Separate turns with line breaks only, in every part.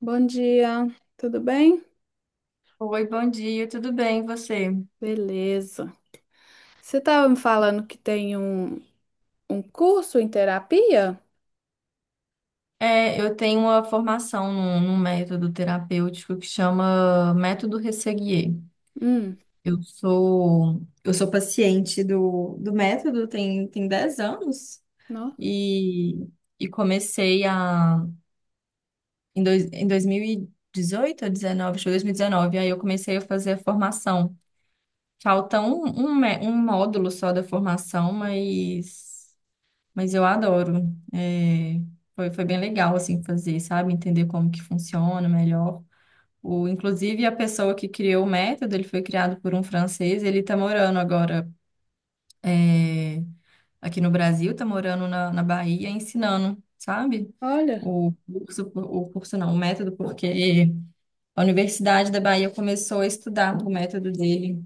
Bom dia, tudo bem?
Oi, bom dia, tudo bem, e você?
Beleza. Você estava me falando que tem um curso em terapia?
É, eu tenho uma formação num método terapêutico que chama Método Resseguier.
Hum,
Eu sou paciente do método, tem 10 anos,
nossa,
e, e comecei em 2018 ou 19, acho que foi 2019, aí eu comecei a fazer a formação. Falta um módulo só da formação. Mas eu adoro. É, foi bem legal, assim, fazer, sabe? Entender como que funciona melhor. O, inclusive, a pessoa que criou o método, ele foi criado por um francês, ele tá morando agora é, aqui no Brasil, tá morando na Bahia, ensinando, sabe?
olha.
O curso não, o método, porque a Universidade da Bahia começou a estudar o método dele.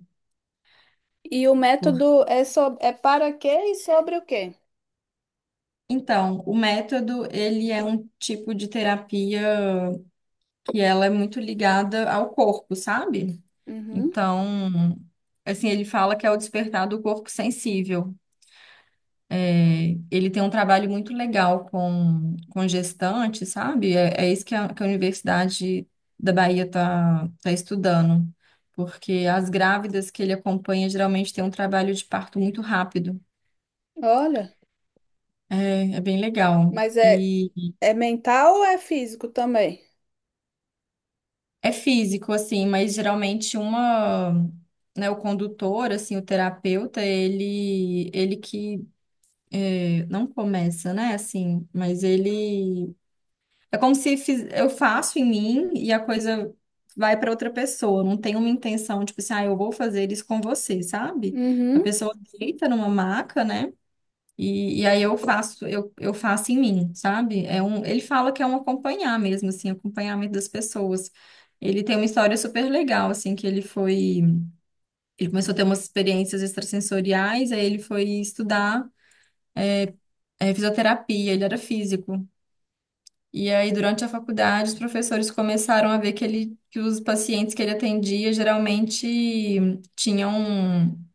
E o
Por-
método é para quê e sobre o quê?
Então, o método, ele é um tipo de terapia que ela é muito ligada ao corpo, sabe?
Uhum,
Então, assim, ele fala que é o despertar do corpo sensível. É, ele tem um trabalho muito legal com gestante, sabe? É é isso que que a Universidade da Bahia está tá tá estudando, porque as grávidas que ele acompanha geralmente têm um trabalho de parto muito rápido.
olha.
É, é bem legal.
Mas é,
E
é mental ou é físico também?
É físico, assim, mas geralmente uma, né, o condutor, assim, o terapeuta, ele que é, não começa, né, assim, mas ele é como se fiz- eu faço em mim e a coisa vai para outra pessoa. Não tem uma intenção, tipo assim, ah, eu vou fazer isso com você, sabe? A
Uhum,
pessoa deita numa maca, né? E aí eu faço, eu faço em mim, sabe? É um, ele fala que é um acompanhar mesmo, assim, acompanhamento das pessoas. Ele tem uma história super legal, assim, que ele foi, ele começou a ter umas experiências extrasensoriais, aí ele foi estudar fisioterapia, ele era físico. E aí, durante a faculdade, os professores começaram a ver que ele, que os pacientes que ele atendia geralmente tinham um,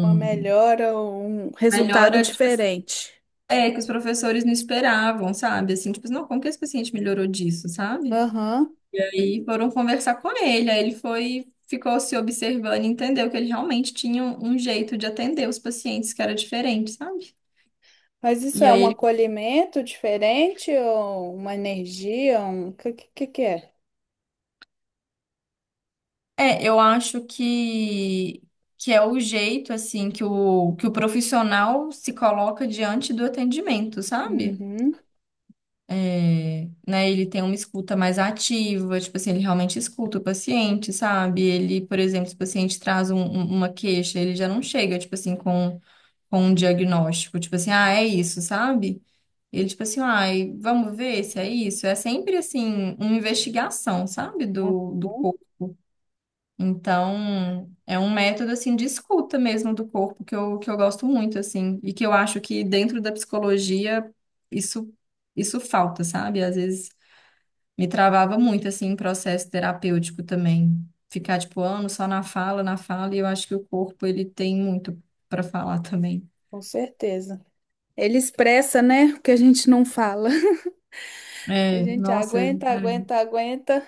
uma melhora ou um resultado
melhora, tipo.
diferente.
É, que os professores não esperavam, sabe? Assim, tipo, assim, não, como que esse paciente melhorou disso, sabe?
Aham.
E aí foram conversar com ele, aí ele foi, ficou se observando e entendeu que ele realmente tinha um jeito de atender os pacientes que era diferente, sabe?
Mas isso
E
é
aí
um
ele.
acolhimento diferente ou uma energia? O que é?
É, eu acho que é o jeito, assim, que o profissional se coloca diante do atendimento, sabe?
Uhum.
É, né? Ele tem uma escuta mais ativa, tipo assim, ele realmente escuta o paciente, sabe? Ele, por exemplo, se o paciente traz uma queixa, ele já não chega, tipo assim, com um diagnóstico, tipo assim, ah, é isso, sabe? Ele, tipo assim, ai, vamos ver se é isso. É sempre, assim, uma investigação, sabe? Do
Aham.
corpo. Então, é um método, assim, de escuta mesmo do corpo que eu gosto muito, assim, e que eu acho que dentro da psicologia isso, isso falta, sabe? Às vezes me travava muito, assim, em processo terapêutico também. Ficar, tipo, anos só na fala, e eu acho que o corpo, ele tem muito para falar também.
Com certeza. Ele expressa, né, o que a gente não fala. A
É,
gente
nossa,
aguenta, aguenta, aguenta,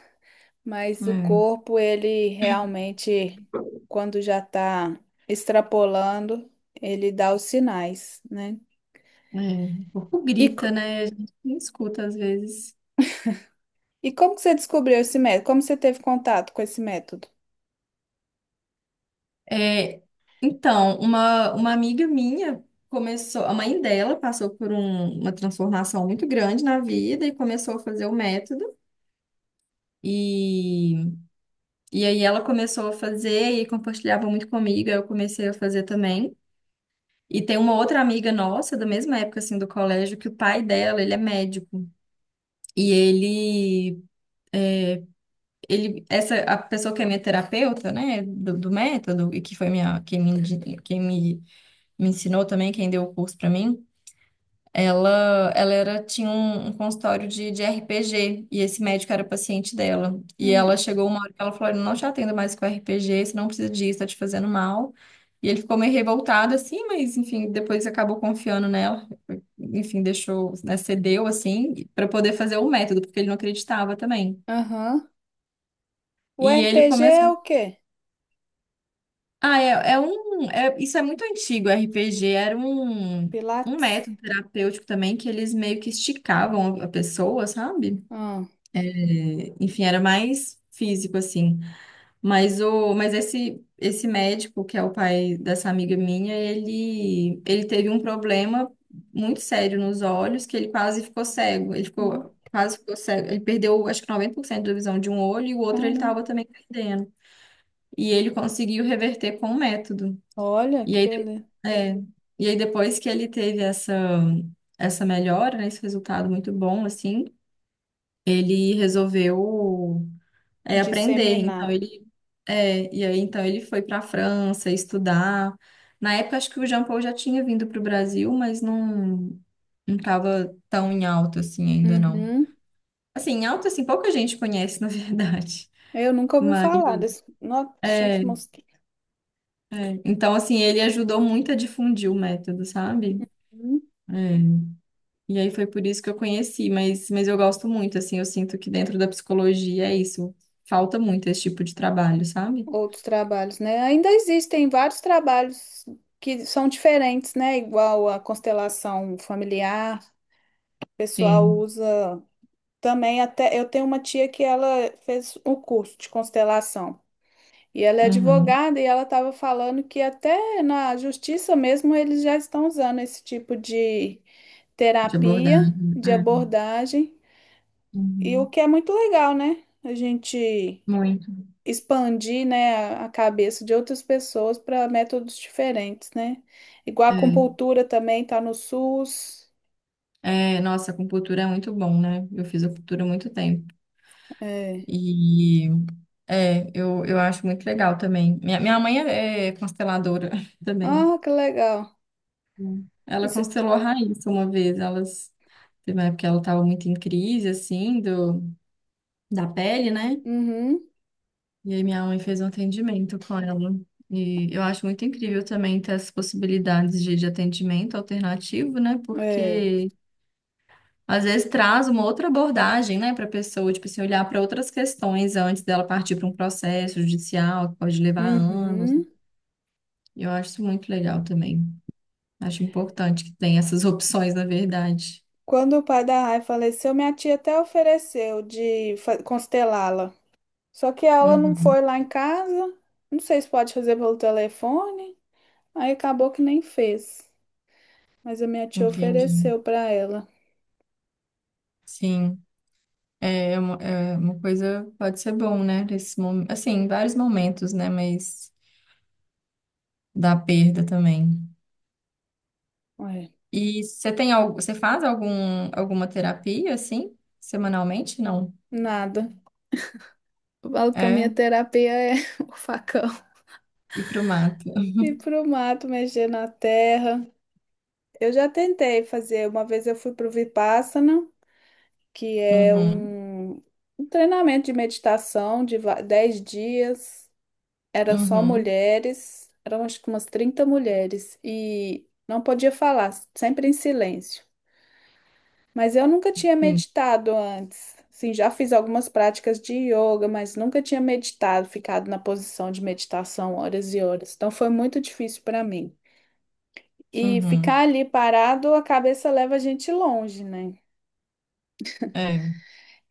mas o
é,
corpo, ele realmente, quando já tá extrapolando, ele dá os sinais, né?
o corpo
E,
grita,
co-
né? A gente não escuta às vezes.
e como que você descobriu esse método? Como você teve contato com esse método?
É, então, uma amiga minha começou, a mãe dela passou por uma transformação muito grande na vida e começou a fazer o método. E, e aí ela começou a fazer e compartilhava muito comigo, aí eu comecei a fazer também. E tem uma outra amiga nossa, da mesma época assim do colégio, que o pai dela, ele é médico. E ele ele essa a pessoa que é minha terapeuta, né, do método e que foi minha, quem me, me ensinou também, quem deu o curso pra mim. Ela era, tinha um consultório de RPG, e esse médico era paciente dela. E ela
Hum,
chegou uma hora que ela falou: "Eu não te atendo mais com RPG, você não precisa disso, tá te fazendo mal." E ele ficou meio revoltado assim, mas enfim, depois acabou confiando nela, enfim, deixou, né, cedeu assim, para poder fazer o método, porque ele não acreditava também.
aham. O
E ele
RPG é
começou.
o quê?
Ah, isso é muito antigo, RPG. Era um
Pilates?
método terapêutico também que eles meio que esticavam a pessoa, sabe?
Ah,
Enfim, era mais físico assim. Mas o, mas esse esse médico, que é o pai dessa amiga minha, ele teve um problema muito sério nos olhos, que ele quase ficou cego. Ele
não,
ficou, quase ficou cego. Ele perdeu acho que 90% da visão de um olho, e o outro ele
caramba.
estava também perdendo. E ele conseguiu reverter com o método.
Olha
E
que
aí,
beleza.
é, e aí depois que ele teve essa melhora, né, esse resultado muito bom assim, ele resolveu aprender.
Disseminar.
E aí então ele foi para a França estudar. Na época acho que o Jean Paul já tinha vindo para o Brasil, mas não estava tão em alta assim ainda não.
Uhum.
Assim, em alta assim, pouca gente conhece na verdade.
Eu nunca ouvi
Mas
falar desse. Nossa, cheio de
é,
mosquito.
é. Então assim, ele ajudou muito a difundir o método, sabe?
Hum.
É. E aí foi por isso que eu conheci, mas eu gosto muito assim, eu sinto que dentro da psicologia é isso. Falta muito esse tipo de trabalho, sabe?
Outros trabalhos, né? Ainda existem vários trabalhos que são diferentes, né? Igual a constelação familiar, o pessoal
Sim.
usa também até. Eu tenho uma tia que ela fez o curso de constelação. E ela é
Uhum.
advogada e ela estava falando que até na justiça mesmo eles já estão usando esse tipo de
De
terapia,
abordagem.
de
É.
abordagem, e o
Uhum.
que é muito legal, né? A gente
Muito.
expandir, né, a cabeça de outras pessoas para métodos diferentes, né? Igual a
É.
acupuntura também tá no SUS.
É, nossa, acupuntura é muito bom, né? Eu fiz acupuntura há muito tempo.
É.
E eu acho muito legal também. Minha mãe é, é consteladora também.
Ah, que legal.
Ela
Você...
constelou a Raíssa uma vez. Elas, teve uma época que ela estava muito em crise, assim, da pele, né?
Uhum.
E aí minha mãe fez um atendimento com ela. E eu acho muito incrível também ter essas possibilidades de atendimento alternativo, né?
É.
Porque às vezes traz uma outra abordagem, né, para a pessoa, tipo assim, olhar para outras questões antes dela partir para um processo judicial, que pode levar anos.
Uhum.
Eu acho isso muito legal também. Acho importante que tenha essas opções, na verdade.
Quando o pai da Rai faleceu, minha tia até ofereceu de constelá-la. Só que ela não
Uhum,
foi lá em casa. Não sei se pode fazer pelo telefone. Aí acabou que nem fez. Mas a minha tia
entendi.
ofereceu para ela.
Sim, é uma coisa, pode ser bom, né? Nesse momento, assim, em vários momentos, né? Mas da perda também.
Ué,
E você tem algo, você faz algum, alguma terapia assim, semanalmente? Não.
nada. Eu falo que a
É,
minha terapia é o facão.
ir pro mato.
Ir pro mato, mexer na terra. Eu já tentei fazer. Uma vez eu fui pro Vipassana, que é
Uhum.
um treinamento de meditação de 10 dias. Eram só
Uhum.
mulheres, eram acho que umas 30 mulheres. E não podia falar, sempre em silêncio. Mas eu nunca tinha
Sim.
meditado antes. Sim, já fiz algumas práticas de yoga, mas nunca tinha meditado, ficado na posição de meditação horas e horas. Então foi muito difícil para mim. E ficar
Uhum.
ali parado, a cabeça leva a gente longe, né?
É.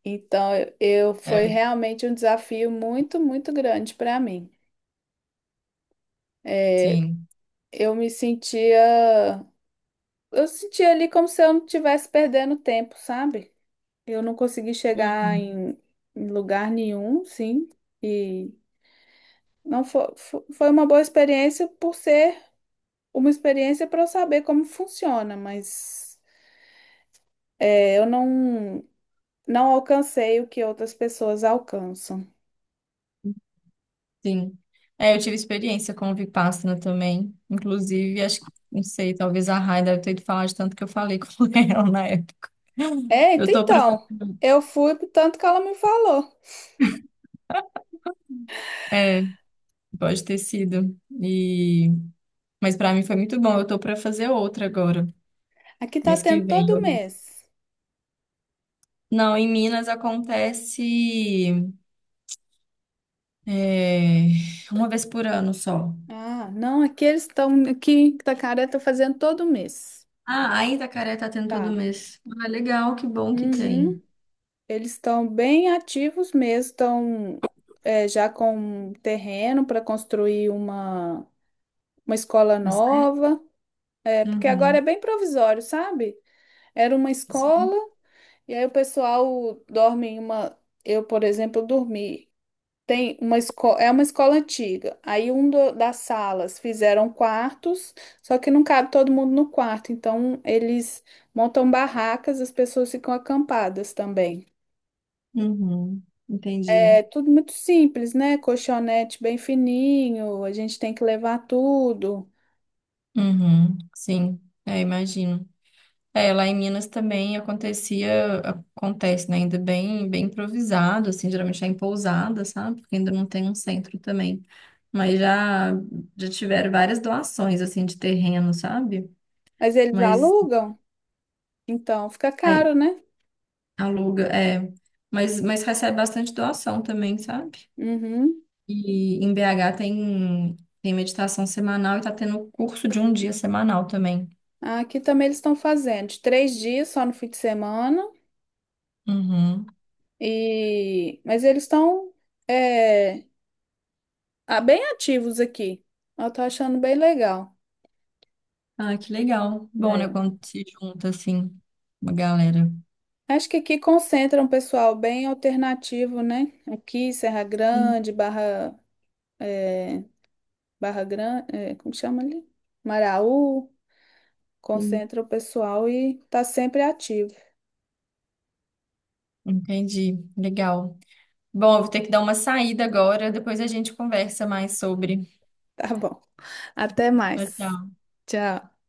Então eu foi
É.
realmente um desafio muito, muito grande para mim. É,
Sim.
eu me sentia, eu sentia ali como se eu não estivesse perdendo tempo, sabe? Eu não consegui chegar
Uhum.
em lugar nenhum, sim. E não foi, foi uma boa experiência por ser uma experiência para eu saber como funciona, mas é, eu não, não alcancei o que outras pessoas alcançam.
Sim. É, eu tive experiência com o Vipassana também, inclusive, acho que, não sei, talvez a Rai deve ter ido falar de tanto que eu falei com ela na época.
É,
Eu tô pra,
então, eu fui pro tanto que ela me falou.
é, Pode ter sido. e, mas pra mim foi muito bom, eu tô pra fazer outra agora,
Aqui tá
mês
tendo
que vem.
todo mês.
Não, em Minas acontece é, uma vez por ano só.
Ah, não, aqui eles estão, aqui Itacaré tá fazendo todo mês.
Ah, ainda a Itacaré tá tendo todo
Tá.
mês. Ah, legal, que bom que
Uhum.
tem.
Eles estão bem ativos mesmo, estão é, já com terreno para construir uma escola
Você?
nova. É, porque agora é
Uhum.
bem provisório, sabe? Era uma escola,
Sim.
e aí o pessoal dorme em uma. Eu, por exemplo, dormi. Tem uma escola, é uma escola antiga. Aí das salas fizeram quartos, só que não cabe todo mundo no quarto. Então eles montam barracas, as pessoas ficam acampadas também.
Uhum. Entendi.
É tudo muito simples, né? Colchonete bem fininho, a gente tem que levar tudo.
Uhum. Sim, imagino. É, lá em Minas também acontecia, acontece, né? Ainda bem, bem improvisado, assim, geralmente é em pousada, sabe? Porque ainda não tem um centro também. Mas já tiveram várias doações, assim, de terreno, sabe?
Mas eles
Mas
alugam, então fica
aí,
caro, né?
aluga, é. Mas recebe bastante doação também, sabe?
Uhum.
E em BH tem, tem meditação semanal e tá tendo curso de um dia semanal também.
Aqui também eles estão fazendo de 3 dias só no fim de semana
Uhum.
e mas eles estão é, ah, bem ativos aqui. Eu tô achando bem legal,
Ah, que legal. Bom, né,
né?
quando se junta assim, uma galera.
Acho que aqui concentra um pessoal bem alternativo, né? Aqui Serra
Sim,
Grande, é, Barra Grande, é, como chama ali? Maraú,
sim.
concentra o pessoal e tá sempre ativo.
Entendi. Legal. Bom, eu vou ter que dar uma saída agora, depois a gente conversa mais sobre.
Tá bom. Até
Tchau,
mais.
tchau.
Tchau.